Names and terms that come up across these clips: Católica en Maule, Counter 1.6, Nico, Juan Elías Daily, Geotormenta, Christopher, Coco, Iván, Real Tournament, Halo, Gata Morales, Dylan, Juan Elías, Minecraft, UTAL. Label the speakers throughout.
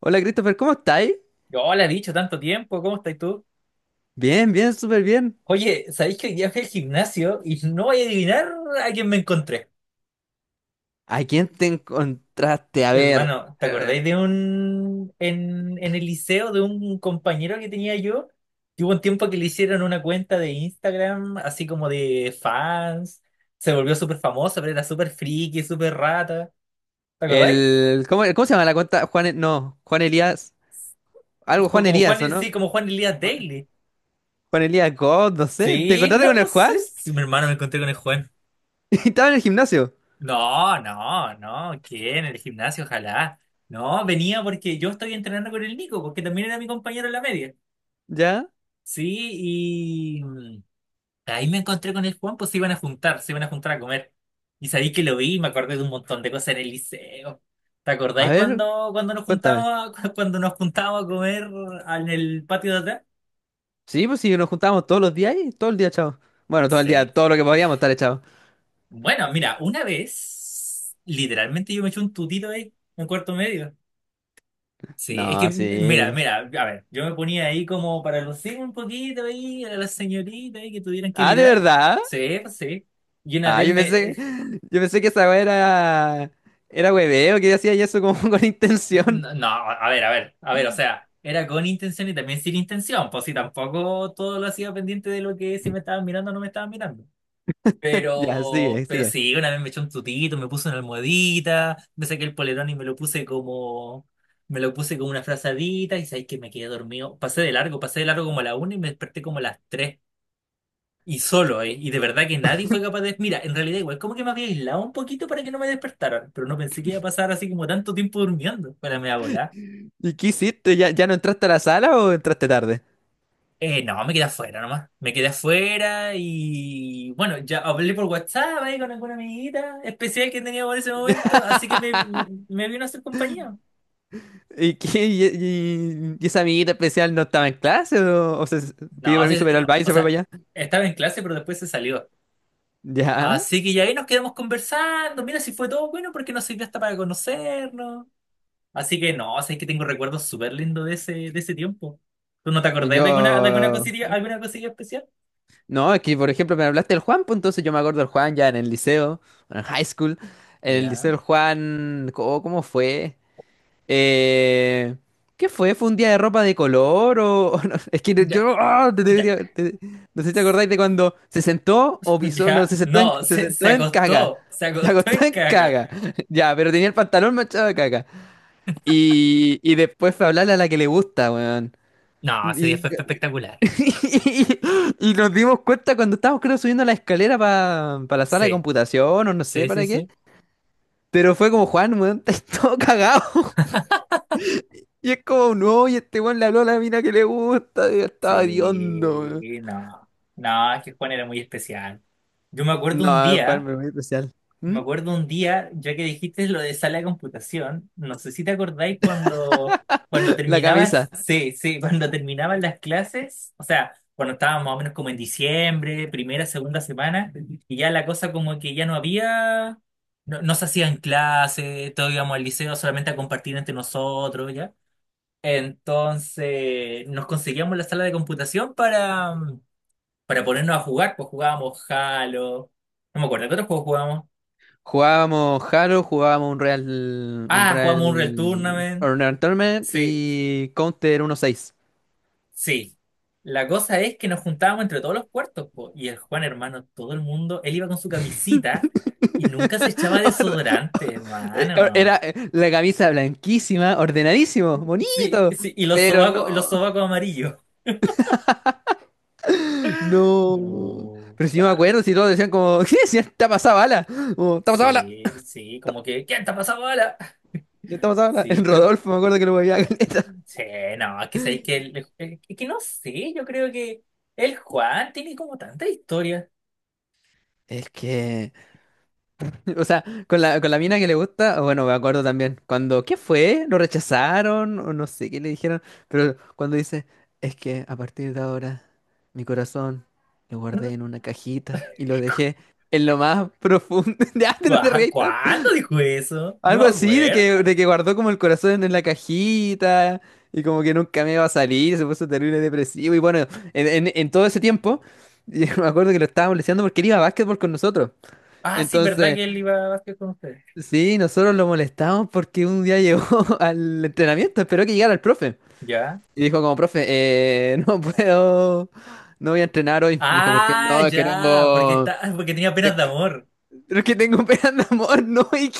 Speaker 1: Hola Christopher, ¿cómo estáis?
Speaker 2: Yo le he dicho tanto tiempo, ¿cómo estás tú?
Speaker 1: Bien, bien, súper bien.
Speaker 2: Oye, ¿sabéis que hoy día fui al gimnasio y no voy a adivinar a quién me encontré?
Speaker 1: ¿A quién te encontraste? A ver,
Speaker 2: Hermano, ¿te
Speaker 1: eh,
Speaker 2: acordáis de un... en el liceo de un compañero que tenía yo? Que hubo un tiempo que le hicieron una cuenta de Instagram, así como de fans. Se volvió súper famoso, pero era súper friki, súper rata. ¿Te acordáis?
Speaker 1: ¿cómo, cómo se llama la cuenta? Juan, E- no, Juan Elías,
Speaker 2: Ju-
Speaker 1: algo Juan
Speaker 2: Como
Speaker 1: Elías, ¿o
Speaker 2: Juan,
Speaker 1: no?
Speaker 2: sí, como Juan Elías
Speaker 1: Juan
Speaker 2: Daily.
Speaker 1: Juan Elías God, no sé. ¿Te
Speaker 2: Sí,
Speaker 1: encontraste
Speaker 2: no,
Speaker 1: con
Speaker 2: no
Speaker 1: el Juan?
Speaker 2: sé si mi hermano me encontré con el Juan.
Speaker 1: Estaba en el gimnasio.
Speaker 2: No, no, no, ¿qué? En el gimnasio, ojalá. No, venía porque yo estoy entrenando con el Nico, porque también era mi compañero en la media.
Speaker 1: ¿Ya?
Speaker 2: Sí, y ahí me encontré con el Juan, pues se iban a juntar a comer. Y sabí que lo vi y me acordé de un montón de cosas en el liceo. ¿Te
Speaker 1: A
Speaker 2: acordáis
Speaker 1: ver,
Speaker 2: cuando, cuando nos
Speaker 1: cuéntame.
Speaker 2: juntábamos, cuando nos juntábamos a comer en el patio de atrás?
Speaker 1: Sí, pues sí, nos juntábamos todos los días y todo el día, chao. Bueno, todo el
Speaker 2: Sí.
Speaker 1: día, todo lo que podíamos estar echados.
Speaker 2: Bueno, mira, una vez, literalmente yo me eché un tutito ahí, en cuarto medio. Sí, es que,
Speaker 1: No,
Speaker 2: mira,
Speaker 1: sí.
Speaker 2: mira, a ver, yo me ponía ahí como para lucir un poquito ahí a las señoritas ahí que tuvieran que
Speaker 1: Ah, ¿de
Speaker 2: mirar.
Speaker 1: verdad?
Speaker 2: Sí, pues sí. Y una
Speaker 1: Ah,
Speaker 2: vez me... eh,
Speaker 1: yo pensé que esa weá era, era hueveo, que hacía eso como con intención.
Speaker 2: No, no, a ver, a ver, a ver, o sea, era con intención y también sin intención, pues sí, tampoco todo lo hacía pendiente de lo que si me estaban mirando o no me estaban mirando.
Speaker 1: Ya, sigue,
Speaker 2: Pero
Speaker 1: sigue.
Speaker 2: sí, una vez me eché un tutito, me puse una almohadita, me saqué el polerón y me lo puse como una frazadita y sabéis que me quedé dormido. Pasé de largo como a la una y me desperté como a las tres. Y solo, ¿eh? Y de verdad que nadie fue capaz de... Mira, en realidad igual, como que me había aislado un poquito para que no me despertaran, pero no pensé que iba a pasar así como tanto tiempo durmiendo para me volar.
Speaker 1: ¿Y qué hiciste? ¿Ya, ya no entraste a la sala o entraste tarde?
Speaker 2: No, me quedé afuera nomás. Me quedé afuera y bueno, ya hablé por WhatsApp ahí con alguna amiguita especial que tenía por ese momento, así que me vino a hacer compañía.
Speaker 1: ¿Y, y esa amiguita especial no estaba en clase o, o se
Speaker 2: No,
Speaker 1: pidió
Speaker 2: o
Speaker 1: permiso para ir al
Speaker 2: sea,
Speaker 1: baile y
Speaker 2: o
Speaker 1: se fue para
Speaker 2: sea,
Speaker 1: allá?
Speaker 2: estaba en clase, pero después se salió.
Speaker 1: Ya.
Speaker 2: Así que ya ahí nos quedamos conversando. Mira, si fue todo bueno porque nos sirvió hasta para conocernos. Así que no, o sea, es que tengo recuerdos súper lindos de ese tiempo. ¿Tú no te acordás de
Speaker 1: Yo...
Speaker 2: alguna cosilla especial?
Speaker 1: No, es que por ejemplo me hablaste del Juan, pues entonces yo me acuerdo del Juan ya en el liceo, en el high school. En el liceo
Speaker 2: Ya,
Speaker 1: del Juan, ¿cómo, cómo fue? Eh, ¿Qué fue? ¿Fue un día de ropa de color o...? ¿O no? Es que no-
Speaker 2: ya,
Speaker 1: yo... ah, te
Speaker 2: ya.
Speaker 1: debería- te- no sé si te acordáis de cuando se sentó o pisó... No,
Speaker 2: Ya, no,
Speaker 1: se
Speaker 2: se,
Speaker 1: sentó en caga.
Speaker 2: se
Speaker 1: Se
Speaker 2: acostó
Speaker 1: acostó
Speaker 2: en
Speaker 1: en
Speaker 2: caca.
Speaker 1: caga. Ya, pero tenía el pantalón manchado de caga. Y después fue a hablarle a la que le gusta, weón.
Speaker 2: No, ese día
Speaker 1: Y,
Speaker 2: fue espectacular.
Speaker 1: y nos dimos cuenta cuando estábamos, creo, subiendo la escalera para la sala de
Speaker 2: Sí,
Speaker 1: computación o no sé
Speaker 2: sí, sí,
Speaker 1: para qué.
Speaker 2: sí.
Speaker 1: Pero fue como, Juan, weón, estás todo cagado. Y es como, no, y este weón le habló a la mina que le gusta, y estaba hediondo, weón.
Speaker 2: Sí, no, no, es que Juan era muy especial. Yo me acuerdo un
Speaker 1: No, el jugar
Speaker 2: día.
Speaker 1: me muy especial. ¿Mm?
Speaker 2: Me acuerdo un día, ya que dijiste lo de sala de computación, no sé si te acordáis cuando,
Speaker 1: La camisa.
Speaker 2: sí, sí, cuando terminaban las clases, o sea, cuando estábamos más o menos como en diciembre, primera, segunda semana, y ya la cosa como que ya no había, no, no se hacían clases, todos íbamos al liceo solamente a compartir entre nosotros, ¿ya? Entonces nos conseguíamos la sala de computación para ponernos a jugar, pues jugábamos Halo, no me acuerdo, ¿qué otros juegos jugábamos?
Speaker 1: Jugábamos Halo, un
Speaker 2: Ah, jugamos un Real
Speaker 1: Real
Speaker 2: Tournament.
Speaker 1: Honor Tournament
Speaker 2: Sí,
Speaker 1: y Counter 1.6.
Speaker 2: sí. La cosa es que nos juntábamos entre todos los puertos, po, y el Juan, hermano, todo el mundo, él iba con su camisita y nunca se echaba
Speaker 1: Orde-
Speaker 2: desodorante,
Speaker 1: eh, Era
Speaker 2: hermano.
Speaker 1: eh, la camisa blanquísima, ordenadísimo,
Speaker 2: Sí,
Speaker 1: bonito.
Speaker 2: sí,
Speaker 1: Pero
Speaker 2: y
Speaker 1: no,
Speaker 2: los sobacos amarillos.
Speaker 1: no.
Speaker 2: No,
Speaker 1: Pero si yo me
Speaker 2: bah.
Speaker 1: acuerdo, si todos decían como, ¿qué decían? Está pasada bala. Como, está pasada bala.
Speaker 2: Sí, sí, como que, ¿quién te ha pasado bola?
Speaker 1: Está pasada bala.
Speaker 2: Sí,
Speaker 1: En
Speaker 2: pero,
Speaker 1: Rodolfo, me acuerdo que lo veía caleta.
Speaker 2: sí, no, es que sabéis que, es que no sé, yo creo que el Juan tiene como tanta historia.
Speaker 1: Es que, o sea, con la mina que le gusta, bueno, me acuerdo también, cuando, ¿qué fue? ¿Lo rechazaron? O no sé qué le dijeron, pero cuando dice, es que a partir de ahora, mi corazón lo guardé en una cajita y lo dejé en lo más profundo. Ya, no te
Speaker 2: Guau,
Speaker 1: rías tanto.
Speaker 2: ¿cuándo dijo eso? No
Speaker 1: Algo
Speaker 2: me
Speaker 1: así
Speaker 2: acuerdo.
Speaker 1: de que guardó como el corazón en la cajita y como que nunca me iba a salir, se puso terrible depresivo y bueno, en todo ese tiempo, yo me acuerdo que lo estábamos molestando porque él iba a básquetbol con nosotros.
Speaker 2: Ah, sí, ¿verdad
Speaker 1: Entonces...
Speaker 2: que él iba a básquet con ustedes?
Speaker 1: Sí, nosotros lo molestamos porque un día llegó al entrenamiento, esperó que llegara el profe.
Speaker 2: ¿Ya?
Speaker 1: Y dijo como, profe, no puedo, no voy a entrenar hoy. Dijo, ¿por qué?
Speaker 2: Ah,
Speaker 1: No,
Speaker 2: ya, porque está, porque tenía penas de amor.
Speaker 1: es que tengo pena de amor, no, y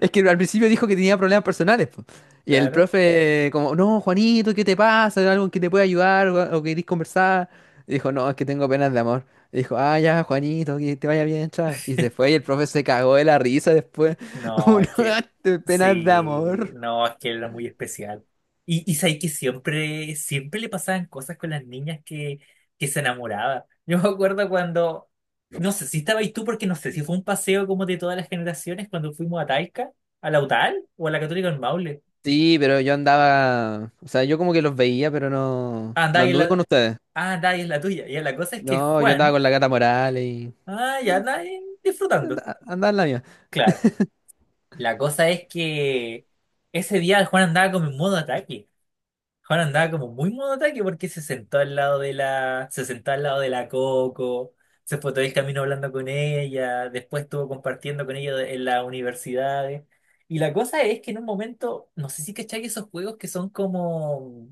Speaker 1: es que al principio dijo que tenía problemas personales, po. Y el
Speaker 2: Claro.
Speaker 1: profe, como, no, Juanito, ¿qué te pasa? ¿Algo que te puede ayudar o querés conversar? Y dijo, no, es que tengo penas de amor. Y dijo, ah, ya, Juanito, que te vaya bien, chao. Y se fue y el profe se cagó de la risa después.
Speaker 2: No,
Speaker 1: Uno,
Speaker 2: es que,
Speaker 1: de penas de
Speaker 2: sí,
Speaker 1: amor.
Speaker 2: no, es que él era muy especial. Y sabes que siempre, siempre le pasaban cosas con las niñas que se enamoraba. Yo me acuerdo cuando, no sé si estabais tú, porque no sé si fue un paseo como de todas las generaciones cuando fuimos a Talca, a la UTAL o a la Católica en Maule.
Speaker 1: Sí, pero yo andaba, o sea, yo como que los veía, pero no,
Speaker 2: Ah,
Speaker 1: no
Speaker 2: Dai es
Speaker 1: anduve con
Speaker 2: la,
Speaker 1: ustedes.
Speaker 2: ah, Dai es la tuya. Ya, la cosa es que
Speaker 1: No, yo andaba
Speaker 2: Juan,
Speaker 1: con la Gata Morales y
Speaker 2: ah, ya Dai disfrutando.
Speaker 1: andaba en la mía.
Speaker 2: Claro. La cosa es que ese día el Juan andaba como en modo ataque. Juan andaba como muy modo ataque porque se sentó al lado de la Coco, se fue todo el camino hablando con ella, después estuvo compartiendo con ella en las universidades. Y la cosa es que en un momento, no sé si cachai esos juegos que son como,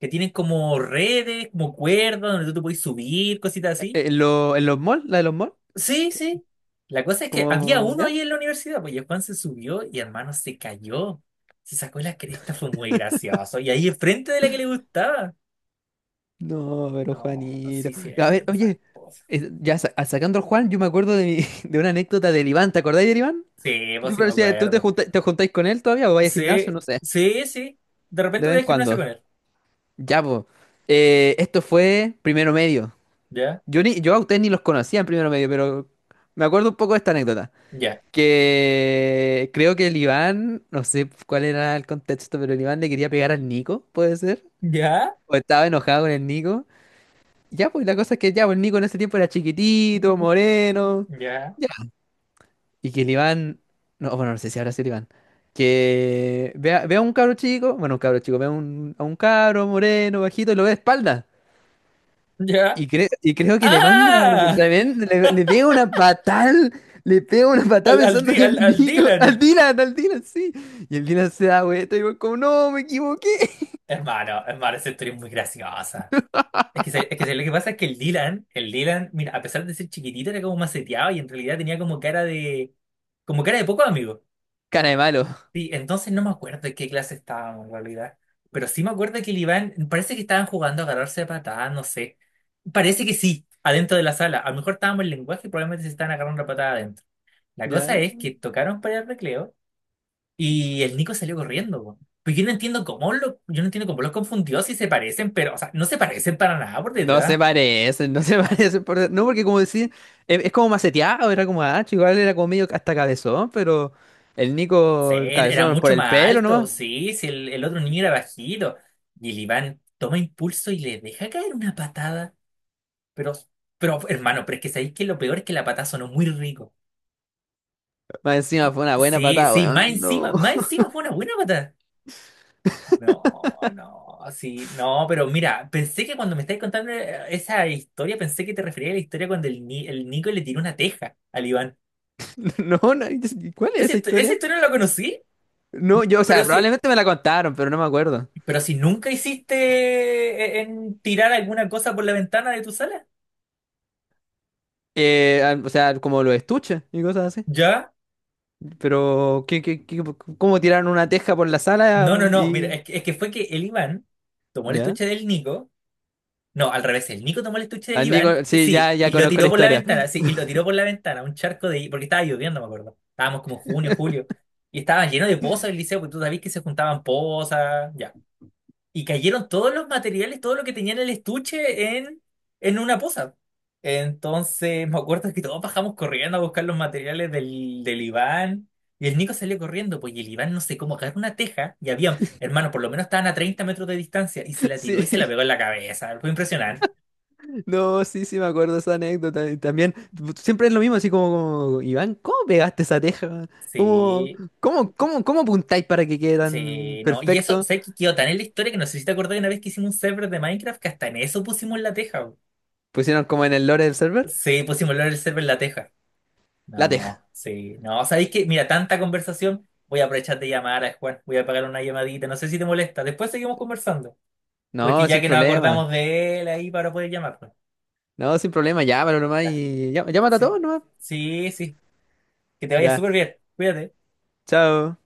Speaker 2: que tienen como redes, como cuerdas, donde tú te puedes subir, cositas así.
Speaker 1: ¿En, en los malls? ¿La de los malls?
Speaker 2: Sí, sí. La cosa es que había
Speaker 1: Como,
Speaker 2: uno
Speaker 1: ya.
Speaker 2: ahí en la universidad, pues y el Juan se subió y hermano se cayó. Se sacó la cresta, fue muy gracioso. Y ahí enfrente de la que le gustaba.
Speaker 1: No, pero
Speaker 2: No,
Speaker 1: Juanito.
Speaker 2: sí,
Speaker 1: A
Speaker 2: siempre
Speaker 1: ver,
Speaker 2: pasan
Speaker 1: oye,
Speaker 2: cosas.
Speaker 1: ya sacando al Juan, yo me acuerdo de, de una anécdota del Iván. ¿Te acordáis del Iván?
Speaker 2: Sí, pues
Speaker 1: Yo
Speaker 2: sí me
Speaker 1: parecía, ¿tú
Speaker 2: acuerdo.
Speaker 1: te juntáis con él todavía o vais al gimnasio?
Speaker 2: Sí,
Speaker 1: No sé,
Speaker 2: sí, sí. De
Speaker 1: de
Speaker 2: repente
Speaker 1: vez
Speaker 2: voy
Speaker 1: en
Speaker 2: al gimnasio
Speaker 1: cuando.
Speaker 2: con él.
Speaker 1: Ya, pues. Esto fue primero medio.
Speaker 2: Ya,
Speaker 1: Yo a ustedes ni los conocía en primero medio, pero me acuerdo un poco de esta anécdota.
Speaker 2: ya,
Speaker 1: Que creo que el Iván, no sé cuál era el contexto, pero el Iván le quería pegar al Nico, ¿puede ser?
Speaker 2: ya,
Speaker 1: O estaba enojado con el Nico. Ya, pues la cosa es que ya, pues el Nico en ese tiempo era chiquitito, moreno.
Speaker 2: ya,
Speaker 1: Ya. Y que el Iván, no, bueno, no sé si habrá sido el Iván. Que vea, vea a un cabro chico, bueno, un cabro chico, vea un, a un cabro moreno, bajito, y lo ve de espalda.
Speaker 2: ya.
Speaker 1: Y, y creo que
Speaker 2: ¡Ah!
Speaker 1: le pega una patada, le pega una patada
Speaker 2: Al, al,
Speaker 1: pensando
Speaker 2: Di-
Speaker 1: que es
Speaker 2: al, al
Speaker 1: Nico,
Speaker 2: Dylan.
Speaker 1: Al Dylan, sí. Y el Dylan se da vuelta y va como, no, me equivoqué.
Speaker 2: Hermano, hermano, esa historia es muy graciosa. Es que, lo que pasa es que el Dylan, mira, a pesar de ser chiquitito, era como maceteado y en realidad tenía como cara de poco amigo.
Speaker 1: Cara de malo,
Speaker 2: Sí, entonces no me acuerdo de qué clase estábamos en realidad. Pero sí me acuerdo que el Iván, parece que estaban jugando a agarrarse a patadas, no sé. Parece que sí, adentro de la sala. A lo mejor estábamos en lenguaje y probablemente se estaban agarrando a patada adentro. La cosa
Speaker 1: ¿ya?
Speaker 2: es que tocaron para el recreo y el Nico salió corriendo, po. Pues yo no entiendo cómo lo, yo no entiendo cómo los confundió si se parecen, pero, o sea, no se parecen para nada por
Speaker 1: No se
Speaker 2: detrás.
Speaker 1: parecen, no se parecen. No, porque como decía, es como maceteado, era como ah igual era como medio hasta cabezón, pero el
Speaker 2: Sí,
Speaker 1: Nico, el
Speaker 2: era
Speaker 1: cabezón por
Speaker 2: mucho
Speaker 1: el
Speaker 2: más
Speaker 1: pelo
Speaker 2: alto,
Speaker 1: nomás.
Speaker 2: sí, sí, el otro niño era bajito. Y el Iván toma impulso y le deja caer una patada. Pero, pero hermano, pero es que sabéis que lo peor es que la patada sonó muy rico.
Speaker 1: Más encima fue una buena
Speaker 2: Sí,
Speaker 1: patada,
Speaker 2: sí, más
Speaker 1: weón. No,
Speaker 2: encima, más encima fue una buena patada. No, no, sí, no, pero mira, pensé que cuando me estáis contando esa historia, pensé que te referías a la historia cuando el, Ni- el Nico le tiró una teja al Iván.
Speaker 1: no, no, ¿cuál es esa
Speaker 2: Esa
Speaker 1: historia?
Speaker 2: historia no la conocí,
Speaker 1: No, yo, o
Speaker 2: pero
Speaker 1: sea,
Speaker 2: sí.
Speaker 1: probablemente me la contaron, pero no me acuerdo.
Speaker 2: Pero si nunca hiciste en tirar alguna cosa por la ventana de tu sala,
Speaker 1: O sea, como los estuches y cosas así.
Speaker 2: ¿ya?
Speaker 1: Pero, ¿cómo tiraron una teja por la sala
Speaker 2: No, no, no, mira,
Speaker 1: y...
Speaker 2: es que fue que el Iván tomó el
Speaker 1: ¿Ya?
Speaker 2: estuche del Nico, no, al revés, el Nico tomó el estuche del
Speaker 1: Al
Speaker 2: Iván,
Speaker 1: Nico, sí,
Speaker 2: sí,
Speaker 1: ya, ya
Speaker 2: y lo
Speaker 1: conozco la
Speaker 2: tiró por la
Speaker 1: historia.
Speaker 2: ventana, sí, y lo tiró por la ventana, un charco de, porque estaba lloviendo, me acuerdo, estábamos como junio, julio, y estaba lleno de pozas el liceo, porque tú sabías que se juntaban pozas, ya. Y cayeron todos los materiales, todo lo que tenía en el estuche en una poza. Entonces, me acuerdo que todos bajamos corriendo a buscar los materiales del Iván. Y el Nico salió corriendo, pues, y el Iván no sé cómo agarró una teja. Y había, hermano, por lo menos estaban a 30 metros de distancia. Y se la tiró y se la
Speaker 1: Sí.
Speaker 2: pegó en la cabeza. Fue impresionante.
Speaker 1: No, sí, sí, me acuerdo esa anécdota. Y también, siempre es lo mismo, así como, como, Iván, ¿cómo pegaste esa teja? ¿Cómo,
Speaker 2: Sí,
Speaker 1: cómo apuntáis para que quede tan
Speaker 2: sí, no. Y eso,
Speaker 1: perfecto?
Speaker 2: sé que quedó tan en la historia que no sé si te acordás de una vez que hicimos un server de Minecraft que hasta en eso pusimos la teja.
Speaker 1: Pusieron como en el lore del server,
Speaker 2: Sí, pusimos el server en la teja.
Speaker 1: la teja.
Speaker 2: No, sí, no, ¿sabéis que, Mira, tanta conversación, voy a aprovechar de llamar a Juan, voy a pagar una llamadita, no sé si te molesta, después seguimos conversando, porque
Speaker 1: No,
Speaker 2: ya
Speaker 1: sin
Speaker 2: que nos
Speaker 1: problema.
Speaker 2: acordamos de él ahí para poder llamarlo.
Speaker 1: No, sin problema, llámalo nomás
Speaker 2: Ya,
Speaker 1: y llámate a
Speaker 2: sí,
Speaker 1: todos nomás.
Speaker 2: sí, sí, que te vaya
Speaker 1: Ya,
Speaker 2: súper bien, cuídate.
Speaker 1: chao.